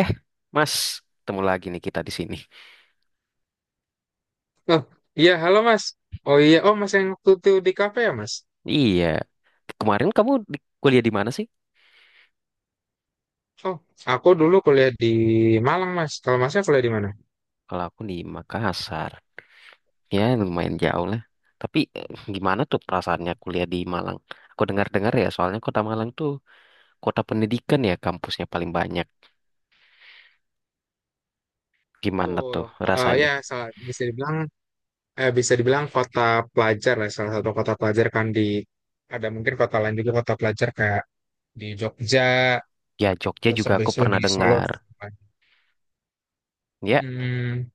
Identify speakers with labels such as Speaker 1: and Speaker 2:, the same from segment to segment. Speaker 1: Eh, Mas, ketemu lagi nih kita di sini.
Speaker 2: Oh, iya, halo Mas. Oh iya, oh Mas yang waktu itu di kafe ya Mas?
Speaker 1: Iya, kemarin kuliah di mana sih?
Speaker 2: Oh, aku dulu kuliah di Malang Mas. Kalau Masnya kuliah di mana?
Speaker 1: Kalau aku di Makassar. Ya, lumayan jauh lah. Tapi gimana tuh perasaannya kuliah di Malang? Aku dengar-dengar ya, soalnya kota Malang tuh kota pendidikan ya, kampusnya paling banyak. Gimana
Speaker 2: Betul.
Speaker 1: tuh
Speaker 2: Eh ya,
Speaker 1: rasanya?
Speaker 2: salah- bisa dibilang eh, bisa dibilang kota pelajar lah, salah satu kota pelajar kan di ada mungkin kota lain juga kota pelajar kayak di Jogja,
Speaker 1: Ya, Jogja
Speaker 2: terus
Speaker 1: juga aku
Speaker 2: habis itu
Speaker 1: pernah
Speaker 2: di Solo
Speaker 1: dengar.
Speaker 2: juga.
Speaker 1: Ya,
Speaker 2: Hmm,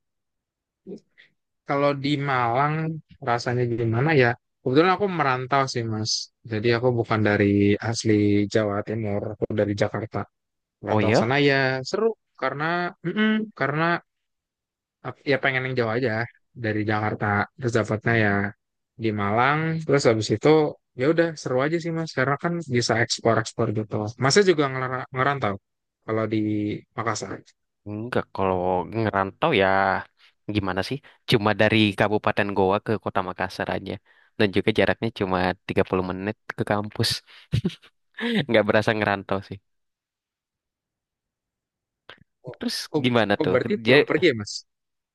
Speaker 2: Kalau di Malang rasanya gimana ya? Kebetulan aku merantau sih Mas. Jadi aku bukan dari asli Jawa Timur, aku dari Jakarta. Kurang
Speaker 1: oh
Speaker 2: sana
Speaker 1: ya?
Speaker 2: ya seru, karena mm-mm, karena ya pengen yang jauh aja dari Jakarta, terus dapatnya ya di Malang. Terus habis itu ya udah seru aja sih mas karena kan bisa ekspor-ekspor gitu. Masnya juga ngerantau kalau di Makassar?
Speaker 1: Enggak, kalau ngerantau ya gimana sih? Cuma dari Kabupaten Goa ke Kota Makassar aja. Dan juga jaraknya cuma 30 menit ke kampus. Nggak berasa ngerantau sih.
Speaker 2: Oh,
Speaker 1: Terus
Speaker 2: oh,
Speaker 1: gimana
Speaker 2: oh,
Speaker 1: tuh?
Speaker 2: berarti
Speaker 1: Dia
Speaker 2: pulang pergi ya mas.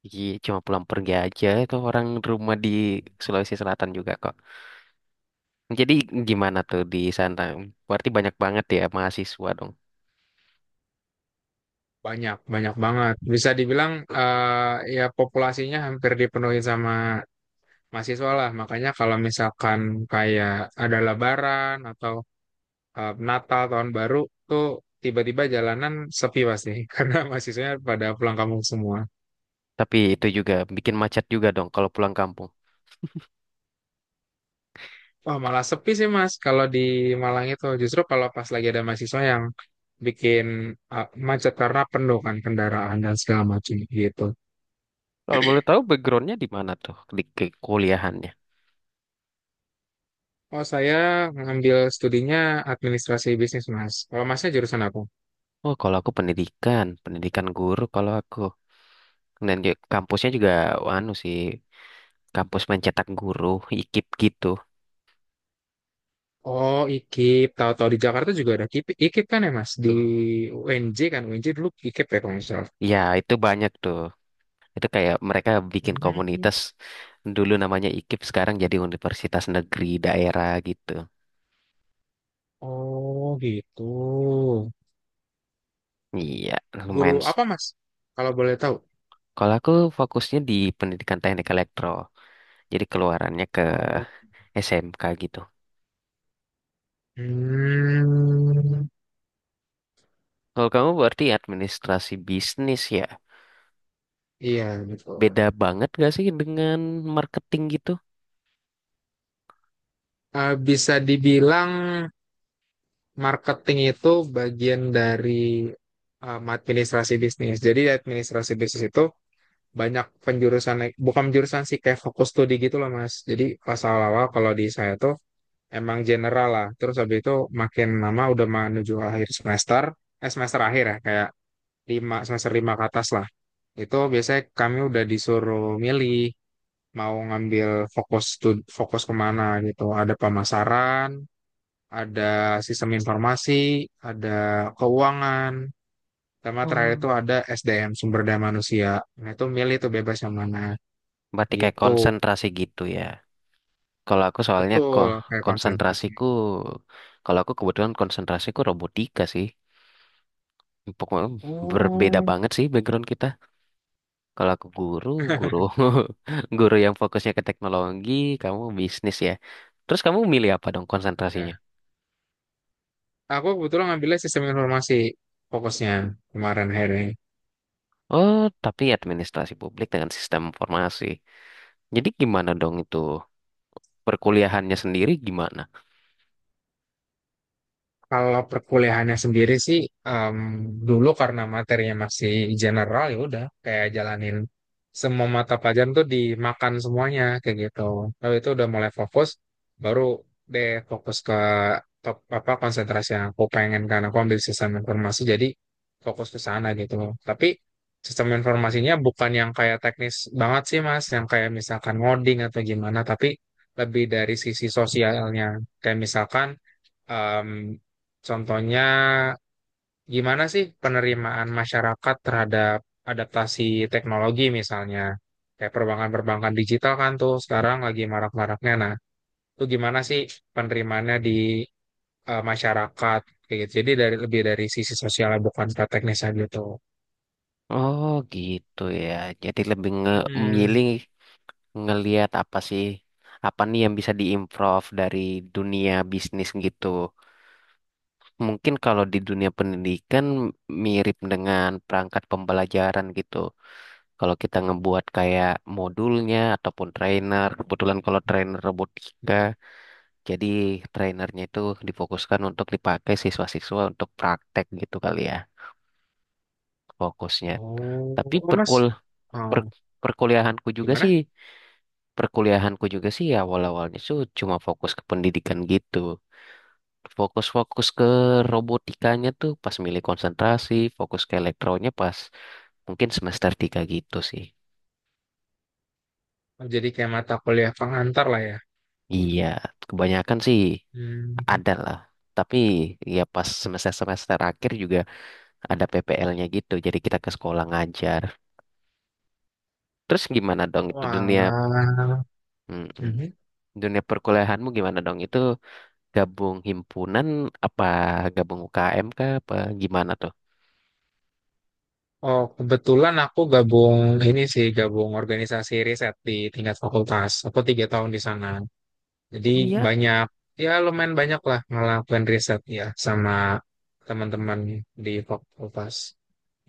Speaker 1: Iya, cuma pulang pergi aja itu orang rumah di Sulawesi Selatan juga kok. Jadi gimana tuh di sana? Berarti banyak banget ya mahasiswa dong.
Speaker 2: Banyak banyak banget bisa dibilang, ya populasinya hampir dipenuhi sama mahasiswa lah, makanya kalau misalkan kayak ada lebaran atau Natal tahun baru tuh tiba-tiba jalanan sepi pasti karena mahasiswanya pada pulang kampung semua.
Speaker 1: Tapi itu juga bikin macet juga dong kalau pulang kampung.
Speaker 2: Wah malah sepi sih Mas kalau di Malang itu, justru kalau pas lagi ada mahasiswa yang bikin macet karena penuh kan kendaraan dan segala macam gitu.
Speaker 1: Kalau boleh tahu backgroundnya di mana tuh di kuliahannya?
Speaker 2: Oh saya ngambil studinya administrasi bisnis Mas. Kalau Masnya jurusan apa?
Speaker 1: Oh, kalau aku pendidikan guru kalau aku. Dan di kampusnya juga anu sih, kampus mencetak guru, IKIP gitu.
Speaker 2: Oh IKIP, tahu-tahu di Jakarta juga ada IKIP, kan ya Mas, di UNJ kan, UNJ dulu IKIP ya kalau nggak salah.
Speaker 1: Ya, itu banyak tuh. Itu kayak mereka bikin
Speaker 2: Hmm.
Speaker 1: komunitas dulu namanya IKIP, sekarang jadi universitas negeri daerah gitu.
Speaker 2: Oh gitu.
Speaker 1: Iya,
Speaker 2: Guru
Speaker 1: lumayan.
Speaker 2: apa Mas? Kalau boleh tahu.
Speaker 1: Kalau aku fokusnya di pendidikan teknik elektro, jadi keluarannya ke
Speaker 2: Oh.
Speaker 1: SMK gitu.
Speaker 2: Hmm,
Speaker 1: Kalau kamu berarti administrasi bisnis ya,
Speaker 2: iya betul.
Speaker 1: beda banget gak sih dengan marketing gitu?
Speaker 2: Bisa dibilang marketing itu bagian dari administrasi bisnis. Jadi administrasi bisnis itu banyak penjurusan, bukan penjurusan sih, kayak fokus studi gitu loh Mas. Jadi pas awal-awal kalau di saya tuh emang general lah. Terus habis itu makin lama udah menuju akhir semester, eh semester akhir ya, kayak lima semester lima ke atas lah. Itu biasanya kami udah disuruh milih mau ngambil fokus kemana gitu. Ada pemasaran, ada sistem informasi, ada keuangan, sama terakhir itu ada SDM, sumber daya manusia. Nah itu milih tuh bebas yang mana
Speaker 1: Berarti kayak
Speaker 2: gitu.
Speaker 1: konsentrasi gitu ya. Kalau aku soalnya kok
Speaker 2: Betul, kayak konsentrasi.
Speaker 1: konsentrasiku, kalau aku kebetulan konsentrasiku robotika sih. Pokoknya berbeda
Speaker 2: Oh.
Speaker 1: banget sih background kita. Kalau aku guru, guru, guru yang fokusnya ke teknologi, kamu bisnis ya. Terus kamu milih apa dong konsentrasinya?
Speaker 2: Iya. Aku kebetulan ngambilnya sistem informasi fokusnya kemarin akhirnya.
Speaker 1: Oh, tapi administrasi publik dengan sistem informasi. Jadi gimana dong itu? Perkuliahannya sendiri gimana?
Speaker 2: Kalau perkuliahannya sendiri sih, em, dulu karena materinya masih general, ya udah kayak jalanin semua mata pelajaran tuh, dimakan semuanya kayak gitu. Lalu itu udah mulai fokus, baru deh fokus ke top apa konsentrasi yang aku pengen. Karena aku ambil sistem informasi jadi fokus ke sana gitu. Tapi sistem informasinya bukan yang kayak teknis banget sih Mas, yang kayak misalkan ngoding atau gimana, tapi lebih dari sisi sosialnya. Kayak misalkan, Em, contohnya, gimana sih penerimaan masyarakat terhadap adaptasi teknologi misalnya? Kayak perbankan-perbankan digital kan tuh sekarang lagi marak-maraknya. Nah, itu gimana sih penerimaannya di masyarakat? Kayak gitu. Jadi dari lebih dari sisi sosialnya, bukan ke teknisnya gitu.
Speaker 1: Oh gitu ya. Jadi lebih
Speaker 2: Mm-mm.
Speaker 1: memilih ngelihat apa sih apa nih yang bisa diimprove dari dunia bisnis gitu. Mungkin kalau di dunia pendidikan mirip dengan perangkat pembelajaran gitu. Kalau kita ngebuat kayak modulnya ataupun trainer, kebetulan kalau trainer robotika, jadi trainernya itu difokuskan untuk dipakai siswa-siswa untuk praktek gitu kali ya fokusnya.
Speaker 2: Oh,
Speaker 1: Tapi
Speaker 2: oh, mas, oh,
Speaker 1: perkuliahanku juga sih
Speaker 2: gimana?
Speaker 1: ya awal-awalnya tuh cuma fokus ke pendidikan gitu. Fokus-fokus ke robotikanya tuh pas milih konsentrasi, fokus ke elektronya pas mungkin semester 3 gitu sih.
Speaker 2: Oh, jadi kayak mata kuliah pengantar lah ya.
Speaker 1: Iya, kebanyakan sih
Speaker 2: Hmm.
Speaker 1: ada lah. Tapi ya pas semester-semester akhir juga ada PPL-nya gitu, jadi kita ke sekolah ngajar. Terus gimana dong itu
Speaker 2: Wah.
Speaker 1: Mm-mm.
Speaker 2: Mhm.
Speaker 1: Dunia perkuliahanmu gimana dong? Itu gabung himpunan apa gabung UKM kah apa gimana tuh?
Speaker 2: Oh, kebetulan aku gabung organisasi riset di tingkat fakultas. Aku 3 tahun di sana. Jadi
Speaker 1: Oh iya.
Speaker 2: banyak, ya lumayan banyak lah ngelakuin riset ya sama teman-teman di fakultas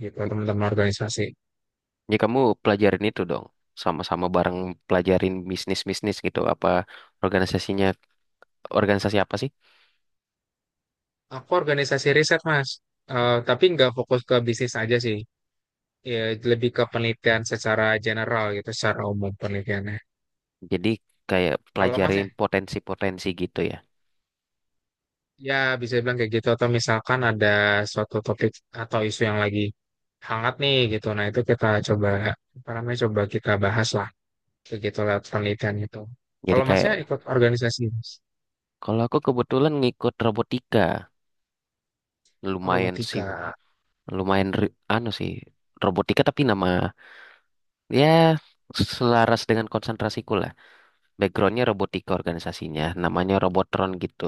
Speaker 2: gitu, teman-teman organisasi.
Speaker 1: Ya kamu pelajarin itu dong. Sama-sama bareng pelajarin bisnis-bisnis gitu. Apa organisasinya, organisasi apa sih?
Speaker 2: Aku organisasi riset, Mas. Tapi nggak fokus ke bisnis aja sih. Ya, lebih ke penelitian secara general gitu, secara umum penelitiannya.
Speaker 1: Jadi kayak
Speaker 2: Kalau
Speaker 1: pelajarin
Speaker 2: Masnya?
Speaker 1: potensi-potensi gitu ya.
Speaker 2: Ya, bisa bilang kayak gitu. Atau misalkan ada suatu topik atau isu yang lagi hangat nih gitu. Nah, itu kita coba, apa namanya, coba kita bahas lah. Kayak gitu lewat penelitian itu.
Speaker 1: Jadi
Speaker 2: Kalau masnya
Speaker 1: kayak,
Speaker 2: ikut organisasi, Mas?
Speaker 1: Kalau aku kebetulan ngikut robotika. Lumayan sih,
Speaker 2: Robotika.
Speaker 1: anu sih. Robotika ya selaras dengan konsentrasiku lah. Backgroundnya robotika organisasinya. Namanya Robotron gitu.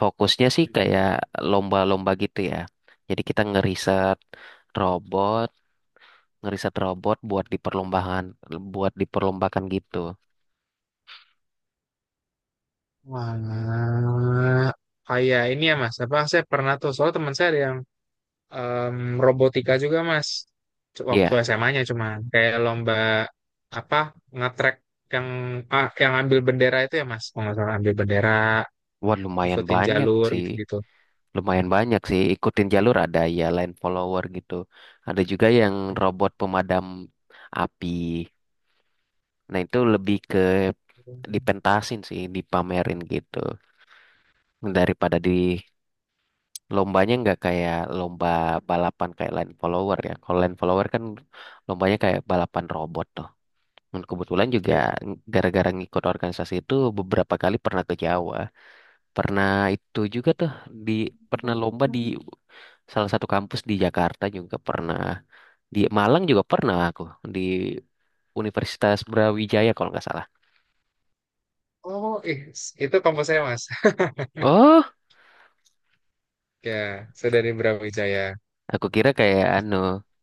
Speaker 1: Fokusnya sih
Speaker 2: Mhm.
Speaker 1: kayak lomba-lomba gitu ya. Jadi kita robot, ngeriset robot buat buat diperlombakan gitu.
Speaker 2: Wah, kayak ini ya, Mas. Apa, saya pernah tuh, soal teman saya ada yang em, robotika juga, Mas. Waktu
Speaker 1: Iya,
Speaker 2: SMA-nya cuma kayak lomba apa, ngetrek yang yang ambil bendera itu ya, Mas. Kalau nggak salah ambil bendera,
Speaker 1: wah lumayan
Speaker 2: ikutin
Speaker 1: banyak
Speaker 2: jalur
Speaker 1: sih.
Speaker 2: gitu-gitu.
Speaker 1: Lumayan banyak sih. Ikutin jalur ada ya line follower gitu. Ada juga yang
Speaker 2: Hmm.
Speaker 1: robot pemadam api. Nah itu lebih ke dipentasin sih, dipamerin gitu. Daripada di Lombanya nggak kayak lomba balapan kayak line follower ya. Kalau line follower kan lombanya kayak balapan robot tuh. Dan kebetulan juga
Speaker 2: Iya.
Speaker 1: gara-gara ngikut organisasi itu beberapa kali pernah ke Jawa. Pernah itu juga tuh di pernah lomba di salah satu kampus di Jakarta juga pernah. Di Malang juga pernah aku di Universitas Brawijaya kalau nggak salah.
Speaker 2: Oh, itu kampus saya mas.
Speaker 1: Oh,
Speaker 2: Ya, saya dari Brawijaya.
Speaker 1: aku kira kayak anu,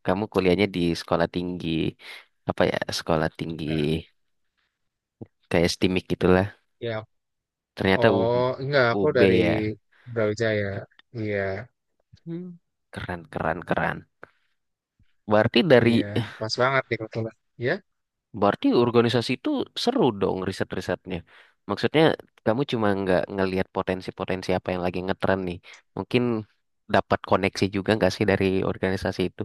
Speaker 1: kamu kuliahnya di sekolah tinggi
Speaker 2: Nah,
Speaker 1: kayak STIMIK gitu.
Speaker 2: ya.
Speaker 1: Ternyata
Speaker 2: Oh, enggak, aku
Speaker 1: UB
Speaker 2: dari
Speaker 1: ya.
Speaker 2: Brawijaya. Iya,
Speaker 1: Hmm, keren, keren, keren. Berarti dari,
Speaker 2: iya, pas banget nih kebetulan. Ya,
Speaker 1: Berarti organisasi itu seru dong riset-risetnya. Maksudnya kamu cuma nggak ngelihat potensi-potensi apa yang lagi ngetren nih. Mungkin dapat koneksi juga nggak sih dari organisasi itu?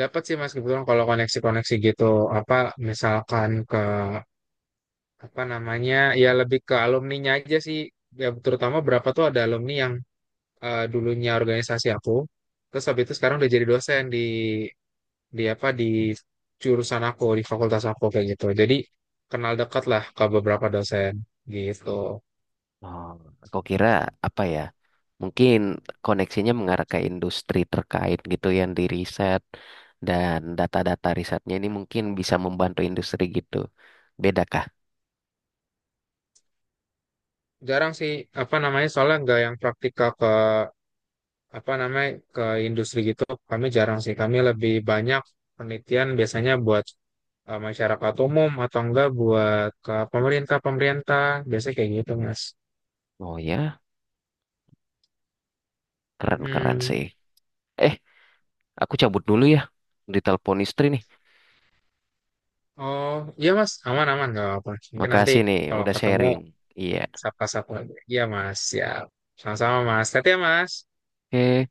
Speaker 2: dapat sih mas kebetulan kalau koneksi-koneksi gitu. Apa misalkan ke apa namanya? Ya lebih ke alumninya aja sih. Ya, terutama berapa tuh, ada alumni yang dulunya organisasi aku. Terus habis itu sekarang udah jadi dosen di apa di jurusan aku, di fakultas aku kayak gitu, jadi kenal dekat lah ke beberapa dosen gitu.
Speaker 1: Oh, kau kira apa ya? Mungkin koneksinya mengarah ke industri terkait gitu ya, yang di riset dan data-data risetnya ini mungkin bisa membantu industri gitu. Bedakah?
Speaker 2: Jarang sih, apa namanya, soalnya nggak yang praktikal ke apa namanya, ke industri gitu. Kami jarang sih, kami lebih banyak penelitian biasanya buat masyarakat umum atau enggak buat ke pemerintah, pemerintah biasanya kayak gitu mas.
Speaker 1: Oh ya, keren-keren
Speaker 2: Mm.
Speaker 1: sih. Eh, aku cabut dulu ya. Ditelepon istri nih.
Speaker 2: Oh, iya Mas, aman-aman nggak apa-apa. Mungkin nanti
Speaker 1: Makasih nih,
Speaker 2: kalau
Speaker 1: udah
Speaker 2: ketemu,
Speaker 1: sharing. Iya.
Speaker 2: sapa-sapa lagi. Iya Mas, ya. Sama-sama Mas. Tati ya Mas.
Speaker 1: Oke.